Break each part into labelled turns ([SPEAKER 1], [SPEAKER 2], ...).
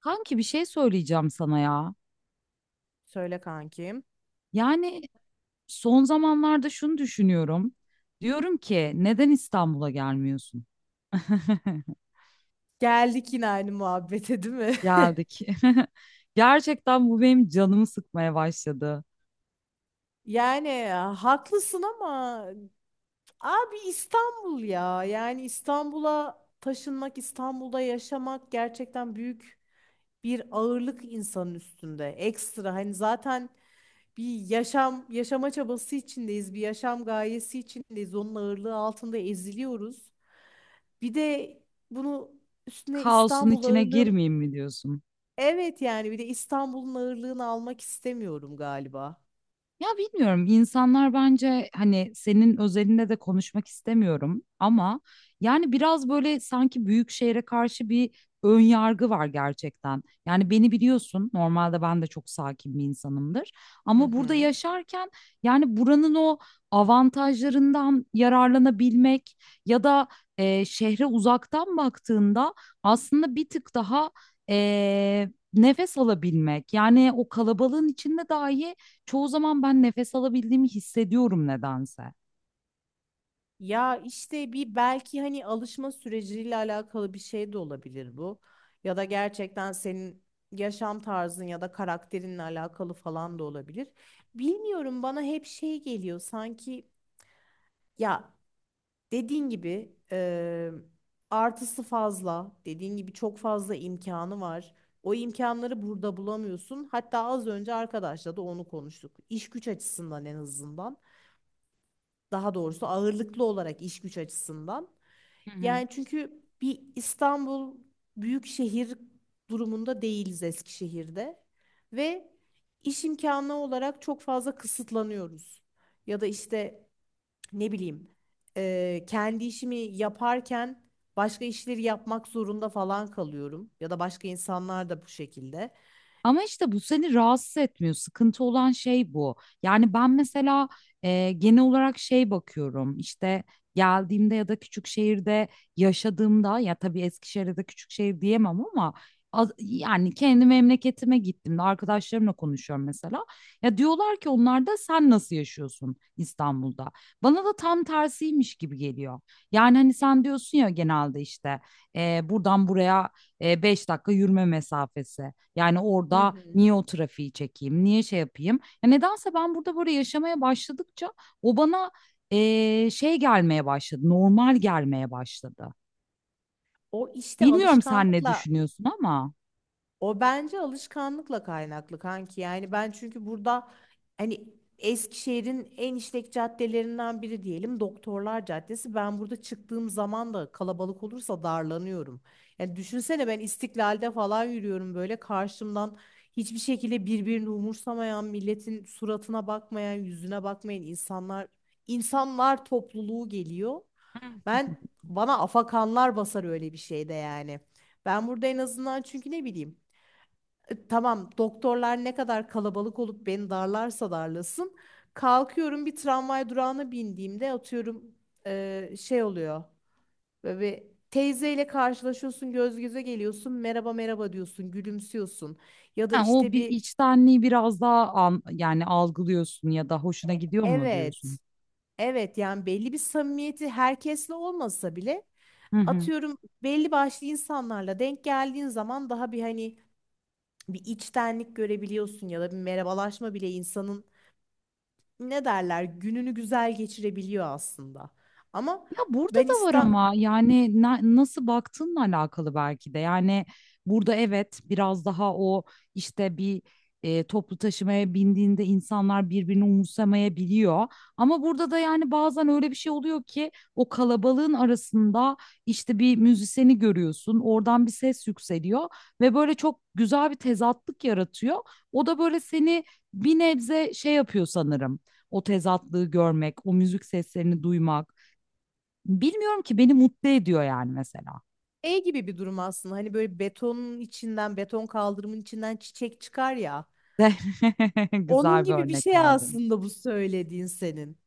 [SPEAKER 1] Kanki bir şey söyleyeceğim sana ya.
[SPEAKER 2] Söyle kankim.
[SPEAKER 1] Yani son zamanlarda şunu düşünüyorum. Diyorum ki neden İstanbul'a gelmiyorsun?
[SPEAKER 2] Geldik yine aynı muhabbete değil mi?
[SPEAKER 1] Geldik. Gerçekten bu benim canımı sıkmaya başladı.
[SPEAKER 2] Yani ya, haklısın ama abi, İstanbul ya. Yani İstanbul'a taşınmak, İstanbul'da yaşamak gerçekten büyük bir ağırlık insanın üstünde. Ekstra hani zaten bir yaşam yaşama çabası içindeyiz, bir yaşam gayesi içindeyiz. Onun ağırlığı altında eziliyoruz. Bir de bunu üstüne
[SPEAKER 1] Kaosun
[SPEAKER 2] İstanbul
[SPEAKER 1] içine
[SPEAKER 2] ağırlığın...
[SPEAKER 1] girmeyeyim mi diyorsun?
[SPEAKER 2] Evet, yani bir de İstanbul'un ağırlığını almak istemiyorum galiba.
[SPEAKER 1] Ya bilmiyorum, insanlar bence hani senin özelinde de konuşmak istemiyorum ama yani biraz böyle sanki büyük şehre karşı bir ön yargı var gerçekten. Yani beni biliyorsun, normalde ben de çok sakin bir insanımdır
[SPEAKER 2] Hı
[SPEAKER 1] ama burada
[SPEAKER 2] hı.
[SPEAKER 1] yaşarken yani buranın o avantajlarından yararlanabilmek ya da şehre uzaktan baktığında aslında bir tık daha nefes alabilmek, yani o kalabalığın içinde dahi çoğu zaman ben nefes alabildiğimi hissediyorum nedense.
[SPEAKER 2] Ya işte bir, belki hani alışma süreciyle alakalı bir şey de olabilir bu. Ya da gerçekten senin yaşam tarzın ya da karakterinle alakalı falan da olabilir. Bilmiyorum, bana hep şey geliyor sanki ya. Dediğin gibi artısı fazla. Dediğin gibi çok fazla imkanı var. O imkanları burada bulamıyorsun. Hatta az önce arkadaşla da onu konuştuk. İş güç açısından, en azından. Daha doğrusu ağırlıklı olarak iş güç açısından.
[SPEAKER 1] Hı hı.
[SPEAKER 2] Yani çünkü bir İstanbul büyük şehir durumunda değiliz Eskişehir'de. Ve iş imkanı olarak çok fazla kısıtlanıyoruz. Ya da işte ne bileyim, kendi işimi yaparken başka işleri yapmak zorunda falan kalıyorum, ya da başka insanlar da bu şekilde.
[SPEAKER 1] Ama işte bu seni rahatsız etmiyor. Sıkıntı olan şey bu. Yani ben mesela genel olarak şey bakıyorum. İşte geldiğimde ya da küçük şehirde yaşadığımda, ya tabii Eskişehir'de de küçük şehir diyemem ama yani kendi memleketime gittiğimde arkadaşlarımla konuşuyorum mesela. Ya diyorlar ki onlar da, sen nasıl yaşıyorsun İstanbul'da? Bana da tam tersiymiş gibi geliyor. Yani hani sen diyorsun ya, genelde işte buradan buraya 5 dakika yürüme mesafesi. Yani
[SPEAKER 2] Hı
[SPEAKER 1] orada
[SPEAKER 2] hı.
[SPEAKER 1] niye o trafiği çekeyim, niye şey yapayım? Ya nedense ben burada böyle yaşamaya başladıkça o bana şey gelmeye başladı, normal gelmeye başladı.
[SPEAKER 2] O işte
[SPEAKER 1] Bilmiyorum sen ne
[SPEAKER 2] alışkanlıkla
[SPEAKER 1] düşünüyorsun ama
[SPEAKER 2] O bence alışkanlıkla kaynaklı kanki. Yani ben çünkü burada hani, Eskişehir'in en işlek caddelerinden biri diyelim, Doktorlar Caddesi. Ben burada çıktığım zaman da kalabalık olursa darlanıyorum. Yani düşünsene, ben İstiklal'de falan yürüyorum, böyle karşımdan hiçbir şekilde birbirini umursamayan, milletin suratına bakmayan, yüzüne bakmayan insanlar topluluğu geliyor. Ben Bana afakanlar basar öyle bir şeyde yani. Ben burada en azından, çünkü ne bileyim, tamam doktorlar ne kadar kalabalık olup beni darlarsa darlasın. Kalkıyorum, bir tramvay durağına bindiğimde atıyorum şey oluyor. Böyle bir teyzeyle karşılaşıyorsun, göz göze geliyorsun, merhaba merhaba diyorsun, gülümsüyorsun. Ya da
[SPEAKER 1] ha, o
[SPEAKER 2] işte
[SPEAKER 1] bir
[SPEAKER 2] bir,
[SPEAKER 1] içtenliği biraz daha yani algılıyorsun ya da hoşuna gidiyor mu diyorsun?
[SPEAKER 2] evet, evet, yani belli bir samimiyeti, herkesle olmasa bile
[SPEAKER 1] Hı hı.
[SPEAKER 2] atıyorum belli başlı insanlarla denk geldiğin zaman, daha bir hani bir içtenlik görebiliyorsun. Ya da bir merhabalaşma bile insanın ne derler, gününü güzel geçirebiliyor aslında. Ama
[SPEAKER 1] Ya burada
[SPEAKER 2] ben
[SPEAKER 1] da var
[SPEAKER 2] İstanbul
[SPEAKER 1] ama yani nasıl baktığınla alakalı belki de. Yani burada evet biraz daha o işte bir toplu taşımaya bindiğinde insanlar birbirini umursamayabiliyor. Ama burada da yani bazen öyle bir şey oluyor ki o kalabalığın arasında işte bir müzisyeni görüyorsun. Oradan bir ses yükseliyor ve böyle çok güzel bir tezatlık yaratıyor. O da böyle seni bir nebze şey yapıyor sanırım. O tezatlığı görmek, o müzik seslerini duymak. Bilmiyorum ki, beni mutlu ediyor yani mesela.
[SPEAKER 2] şey gibi bir durum aslında. Hani böyle betonun içinden, beton kaldırımın içinden çiçek çıkar ya. Onun
[SPEAKER 1] Güzel bir
[SPEAKER 2] gibi bir
[SPEAKER 1] örnek
[SPEAKER 2] şey
[SPEAKER 1] vardı.
[SPEAKER 2] aslında bu söylediğin senin.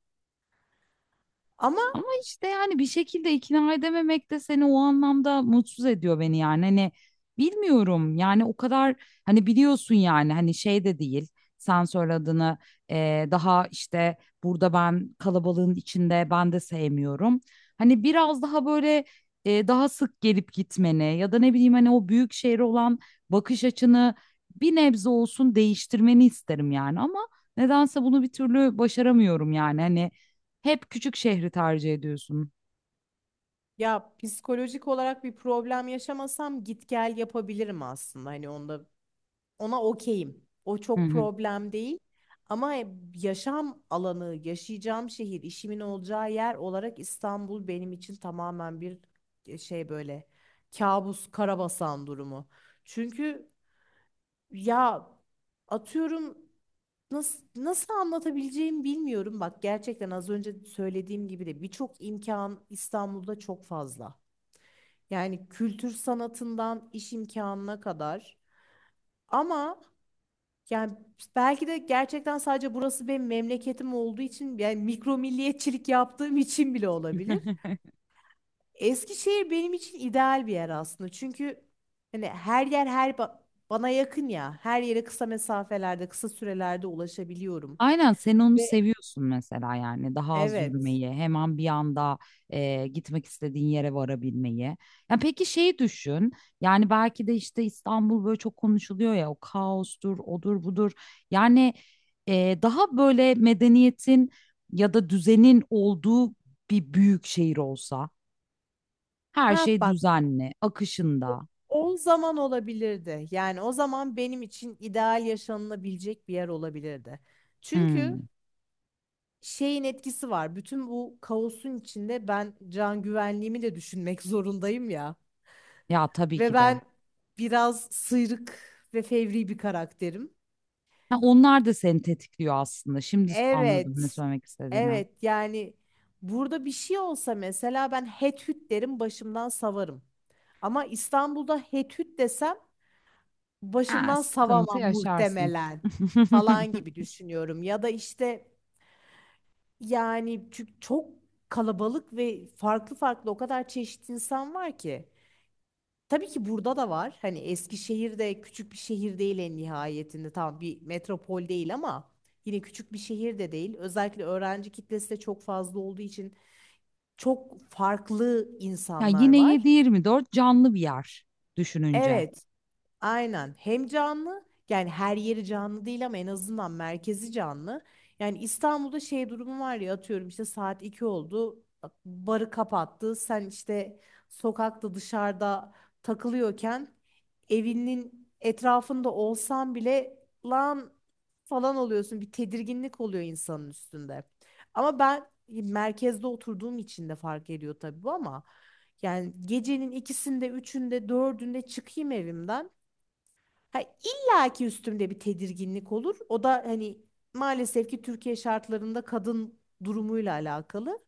[SPEAKER 2] Ama
[SPEAKER 1] Ama işte yani bir şekilde ikna edememek de seni o anlamda mutsuz ediyor, beni yani. Hani bilmiyorum yani o kadar, hani biliyorsun yani hani şey de değil. Sen söylediğini daha işte burada ben kalabalığın içinde ben de sevmiyorum. Hani biraz daha böyle daha sık gelip gitmeni ya da ne bileyim hani o büyük şehre olan bakış açını bir nebze olsun değiştirmeni isterim yani ama nedense bunu bir türlü başaramıyorum yani. Hani hep küçük şehri tercih ediyorsun.
[SPEAKER 2] ya, psikolojik olarak bir problem yaşamasam git gel yapabilirim aslında. Hani ona okeyim. O
[SPEAKER 1] Hı
[SPEAKER 2] çok
[SPEAKER 1] hı.
[SPEAKER 2] problem değil. Ama yaşam alanı, yaşayacağım şehir, işimin olacağı yer olarak İstanbul benim için tamamen bir şey, böyle kabus, karabasan durumu. Çünkü ya, atıyorum, nasıl anlatabileceğimi bilmiyorum. Bak, gerçekten az önce söylediğim gibi de birçok imkan İstanbul'da çok fazla. Yani kültür sanatından iş imkanına kadar. Ama yani belki de gerçekten sadece burası benim memleketim olduğu için, yani mikro milliyetçilik yaptığım için bile olabilir. Eskişehir benim için ideal bir yer aslında. Çünkü hani her yer, her bana yakın ya. Her yere kısa mesafelerde, kısa sürelerde ulaşabiliyorum.
[SPEAKER 1] Aynen, sen onu
[SPEAKER 2] Ve
[SPEAKER 1] seviyorsun mesela, yani daha az
[SPEAKER 2] Evet.
[SPEAKER 1] yürümeyi, hemen bir anda gitmek istediğin yere varabilmeyi. Ya peki şeyi düşün, yani belki de işte İstanbul böyle çok konuşuluyor ya, o kaostur odur budur, yani daha böyle medeniyetin ya da düzenin olduğu bir büyük şehir olsa her
[SPEAKER 2] Ha
[SPEAKER 1] şey
[SPEAKER 2] bak,
[SPEAKER 1] düzenli
[SPEAKER 2] o
[SPEAKER 1] akışında.
[SPEAKER 2] o zaman olabilirdi. Yani o zaman benim için ideal yaşanılabilecek bir yer olabilirdi. Çünkü
[SPEAKER 1] Hmm.
[SPEAKER 2] şeyin etkisi var. Bütün bu kaosun içinde ben can güvenliğimi de düşünmek zorundayım ya.
[SPEAKER 1] Ya tabii
[SPEAKER 2] Ve
[SPEAKER 1] ki de.
[SPEAKER 2] ben biraz sıyrık ve fevri bir karakterim.
[SPEAKER 1] Ha, onlar da seni tetikliyor aslında. Şimdi anladım ne
[SPEAKER 2] Evet.
[SPEAKER 1] söylemek istediğini.
[SPEAKER 2] Evet, yani burada bir şey olsa mesela, ben het hüt derim, başımdan savarım. Ama İstanbul'da het hüt desem
[SPEAKER 1] Ha,
[SPEAKER 2] başımdan
[SPEAKER 1] sıkıntı
[SPEAKER 2] savamam
[SPEAKER 1] yaşarsın.
[SPEAKER 2] muhtemelen, falan gibi düşünüyorum. Ya da işte Yani çünkü çok kalabalık ve farklı farklı, o kadar çeşitli insan var ki. Tabii ki burada da var. Hani Eskişehir de küçük bir şehir değil en nihayetinde. Tamam, bir metropol değil ama yine küçük bir şehir de değil. Özellikle öğrenci kitlesi de çok fazla olduğu için çok farklı
[SPEAKER 1] Ya
[SPEAKER 2] insanlar
[SPEAKER 1] yine
[SPEAKER 2] var.
[SPEAKER 1] 7-24 canlı bir yer düşününce.
[SPEAKER 2] Evet, aynen. Hem canlı, yani her yeri canlı değil ama en azından merkezi canlı. Yani İstanbul'da şey durumu var ya, atıyorum işte saat 2 oldu, bak barı kapattı. Sen işte sokakta, dışarıda takılıyorken, evinin etrafında olsan bile, lan falan oluyorsun. Bir tedirginlik oluyor insanın üstünde. Ama ben merkezde oturduğum için de fark ediyor tabii bu, ama yani gecenin ikisinde, üçünde, dördünde çıkayım evimden, ha, illa ki üstümde bir tedirginlik olur. O da hani maalesef ki Türkiye şartlarında kadın durumuyla alakalı.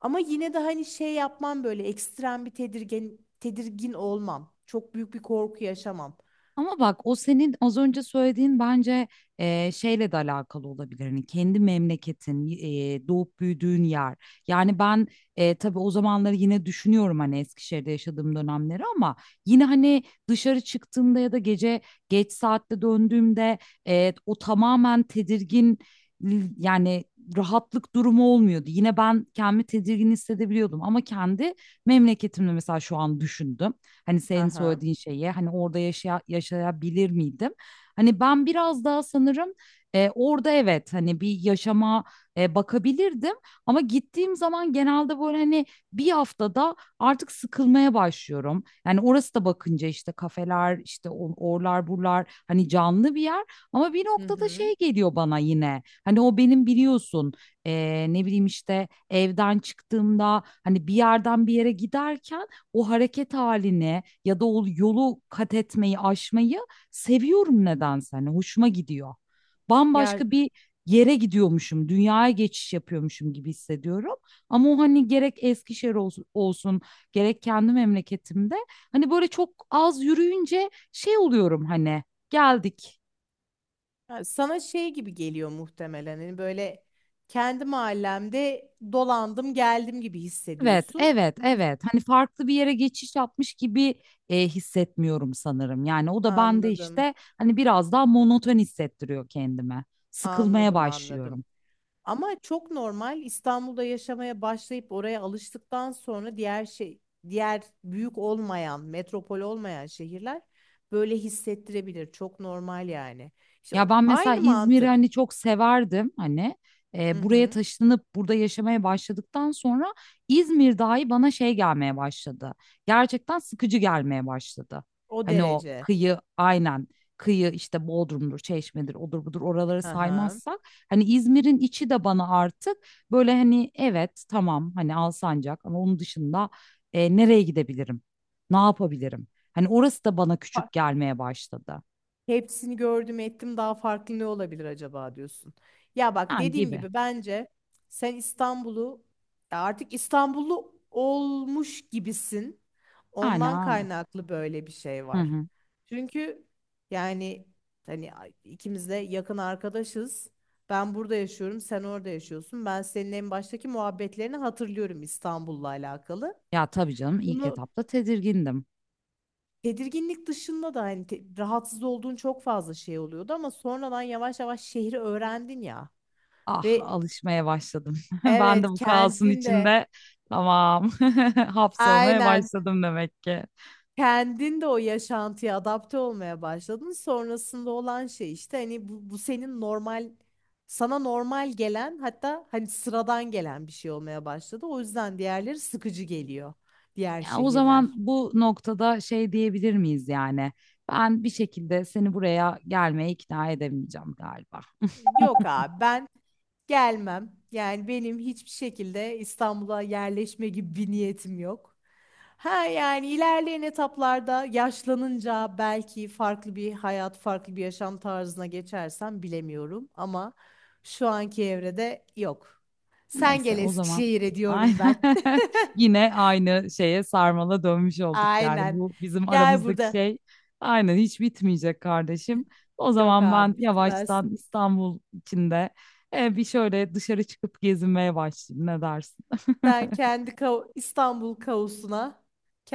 [SPEAKER 2] Ama yine de hani şey yapmam, böyle ekstrem bir tedirgin tedirgin olmam. Çok büyük bir korku yaşamam.
[SPEAKER 1] Ama bak, o senin az önce söylediğin bence şeyle de alakalı olabilir. Hani kendi memleketin, doğup büyüdüğün yer. Yani ben tabii o zamanları yine düşünüyorum hani Eskişehir'de yaşadığım dönemleri ama yine hani dışarı çıktığımda ya da gece geç saatte döndüğümde o tamamen tedirgin yani rahatlık durumu olmuyordu. Yine ben kendimi tedirgin hissedebiliyordum ama kendi memleketimde mesela şu an düşündüm. Hani senin
[SPEAKER 2] Aha.
[SPEAKER 1] söylediğin şeye, hani orada yaşaya, yaşayabilir miydim? Hani ben biraz daha sanırım orada evet hani bir yaşama bakabilirdim ama gittiğim zaman genelde böyle hani bir haftada artık sıkılmaya başlıyorum. Yani orası da bakınca işte kafeler işte orlar burlar, hani canlı bir yer ama bir
[SPEAKER 2] Hı
[SPEAKER 1] noktada
[SPEAKER 2] hı.
[SPEAKER 1] şey geliyor bana yine, hani o benim biliyorsun ne bileyim işte evden çıktığımda hani bir yerden bir yere giderken o hareket haline ya da o yolu kat etmeyi, aşmayı seviyorum nedense. Hani hoşuma gidiyor.
[SPEAKER 2] Ya
[SPEAKER 1] Bambaşka bir yere gidiyormuşum, dünyaya geçiş yapıyormuşum gibi hissediyorum. Ama o hani gerek Eskişehir olsun, olsun, gerek kendi memleketimde hani böyle çok az yürüyünce şey oluyorum, hani geldik.
[SPEAKER 2] ha, sana şey gibi geliyor muhtemelen. Hani böyle kendi mahallemde dolandım geldim gibi
[SPEAKER 1] Evet,
[SPEAKER 2] hissediyorsun.
[SPEAKER 1] evet,
[SPEAKER 2] His-
[SPEAKER 1] evet. Hani farklı bir yere geçiş yapmış gibi hissetmiyorum sanırım. Yani o da bende
[SPEAKER 2] Anladım.
[SPEAKER 1] işte hani biraz daha monoton hissettiriyor kendime. Sıkılmaya
[SPEAKER 2] Anladım, anladım.
[SPEAKER 1] başlıyorum.
[SPEAKER 2] Ama çok normal. İstanbul'da yaşamaya başlayıp oraya alıştıktan sonra diğer diğer büyük olmayan, metropol olmayan şehirler böyle hissettirebilir. Çok normal yani. İşte
[SPEAKER 1] Ya ben mesela
[SPEAKER 2] aynı
[SPEAKER 1] İzmir'i
[SPEAKER 2] mantık.
[SPEAKER 1] hani çok severdim, hani
[SPEAKER 2] Hı
[SPEAKER 1] buraya
[SPEAKER 2] hı.
[SPEAKER 1] taşınıp burada yaşamaya başladıktan sonra İzmir dahi bana şey gelmeye başladı. Gerçekten sıkıcı gelmeye başladı.
[SPEAKER 2] O
[SPEAKER 1] Hani o
[SPEAKER 2] derece.
[SPEAKER 1] kıyı, aynen, kıyı işte Bodrum'dur, Çeşme'dir, odur budur, oraları
[SPEAKER 2] Hı hı.
[SPEAKER 1] saymazsak hani İzmir'in içi de bana artık böyle hani evet tamam hani Alsancak ama onun dışında nereye gidebilirim? Ne yapabilirim? Hani orası da bana küçük gelmeye başladı.
[SPEAKER 2] Hepsini gördüm ettim, daha farklı ne olabilir acaba diyorsun. Ya bak,
[SPEAKER 1] Ha,
[SPEAKER 2] dediğim
[SPEAKER 1] gibi.
[SPEAKER 2] gibi bence sen İstanbul'u, ya artık İstanbullu olmuş gibisin. Ondan
[SPEAKER 1] Aynen.
[SPEAKER 2] kaynaklı böyle bir şey
[SPEAKER 1] Hı
[SPEAKER 2] var.
[SPEAKER 1] hı.
[SPEAKER 2] Çünkü yani hani ikimiz de yakın arkadaşız. Ben burada yaşıyorum, sen orada yaşıyorsun. Ben senin en baştaki muhabbetlerini hatırlıyorum İstanbul'la alakalı.
[SPEAKER 1] Ya tabii canım, ilk
[SPEAKER 2] Bunu
[SPEAKER 1] etapta tedirgindim.
[SPEAKER 2] Tedirginlik dışında da hani rahatsız olduğun çok fazla şey oluyordu, ama sonradan yavaş yavaş şehri öğrendin ya
[SPEAKER 1] Ah,
[SPEAKER 2] ve
[SPEAKER 1] alışmaya başladım. Ben de
[SPEAKER 2] evet,
[SPEAKER 1] bu kaosun
[SPEAKER 2] kendin de,
[SPEAKER 1] içinde tamam hapsolmaya
[SPEAKER 2] aynen,
[SPEAKER 1] başladım demek ki.
[SPEAKER 2] kendin de o yaşantıya adapte olmaya başladın. Sonrasında olan şey işte hani bu senin normal sana normal gelen, hatta hani sıradan gelen bir şey olmaya başladı. O yüzden diğerleri sıkıcı geliyor, diğer
[SPEAKER 1] Ya o
[SPEAKER 2] şehirler.
[SPEAKER 1] zaman bu noktada şey diyebilir miyiz yani? Ben bir şekilde seni buraya gelmeye ikna edemeyeceğim galiba.
[SPEAKER 2] Yok abi, ben gelmem. Yani benim hiçbir şekilde İstanbul'a yerleşme gibi bir niyetim yok. Ha yani ilerleyen etaplarda, yaşlanınca, belki farklı bir hayat, farklı bir yaşam tarzına geçersem bilemiyorum ama şu anki evrede yok. Sen
[SPEAKER 1] Neyse,
[SPEAKER 2] gel
[SPEAKER 1] o zaman
[SPEAKER 2] Eskişehir'e diyorum
[SPEAKER 1] aynen
[SPEAKER 2] ben.
[SPEAKER 1] yine aynı şeye sarmala dönmüş olduk yani.
[SPEAKER 2] Aynen.
[SPEAKER 1] Bu bizim
[SPEAKER 2] Gel
[SPEAKER 1] aramızdaki
[SPEAKER 2] burada.
[SPEAKER 1] şey aynen hiç bitmeyecek kardeşim. O
[SPEAKER 2] Yok
[SPEAKER 1] zaman ben
[SPEAKER 2] abi, bitmez.
[SPEAKER 1] yavaştan İstanbul içinde bir şöyle dışarı çıkıp gezinmeye başlayayım, ne dersin?
[SPEAKER 2] Sen kendi İstanbul kaosuna,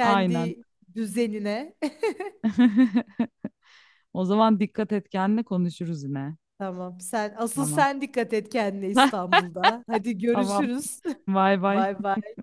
[SPEAKER 1] Aynen.
[SPEAKER 2] düzenine.
[SPEAKER 1] O zaman dikkat et kendine, konuşuruz yine.
[SPEAKER 2] Tamam. Sen, asıl
[SPEAKER 1] Tamam.
[SPEAKER 2] sen dikkat et kendine İstanbul'da. Hadi
[SPEAKER 1] Tamam.
[SPEAKER 2] görüşürüz.
[SPEAKER 1] Bay bay.
[SPEAKER 2] Bay bay.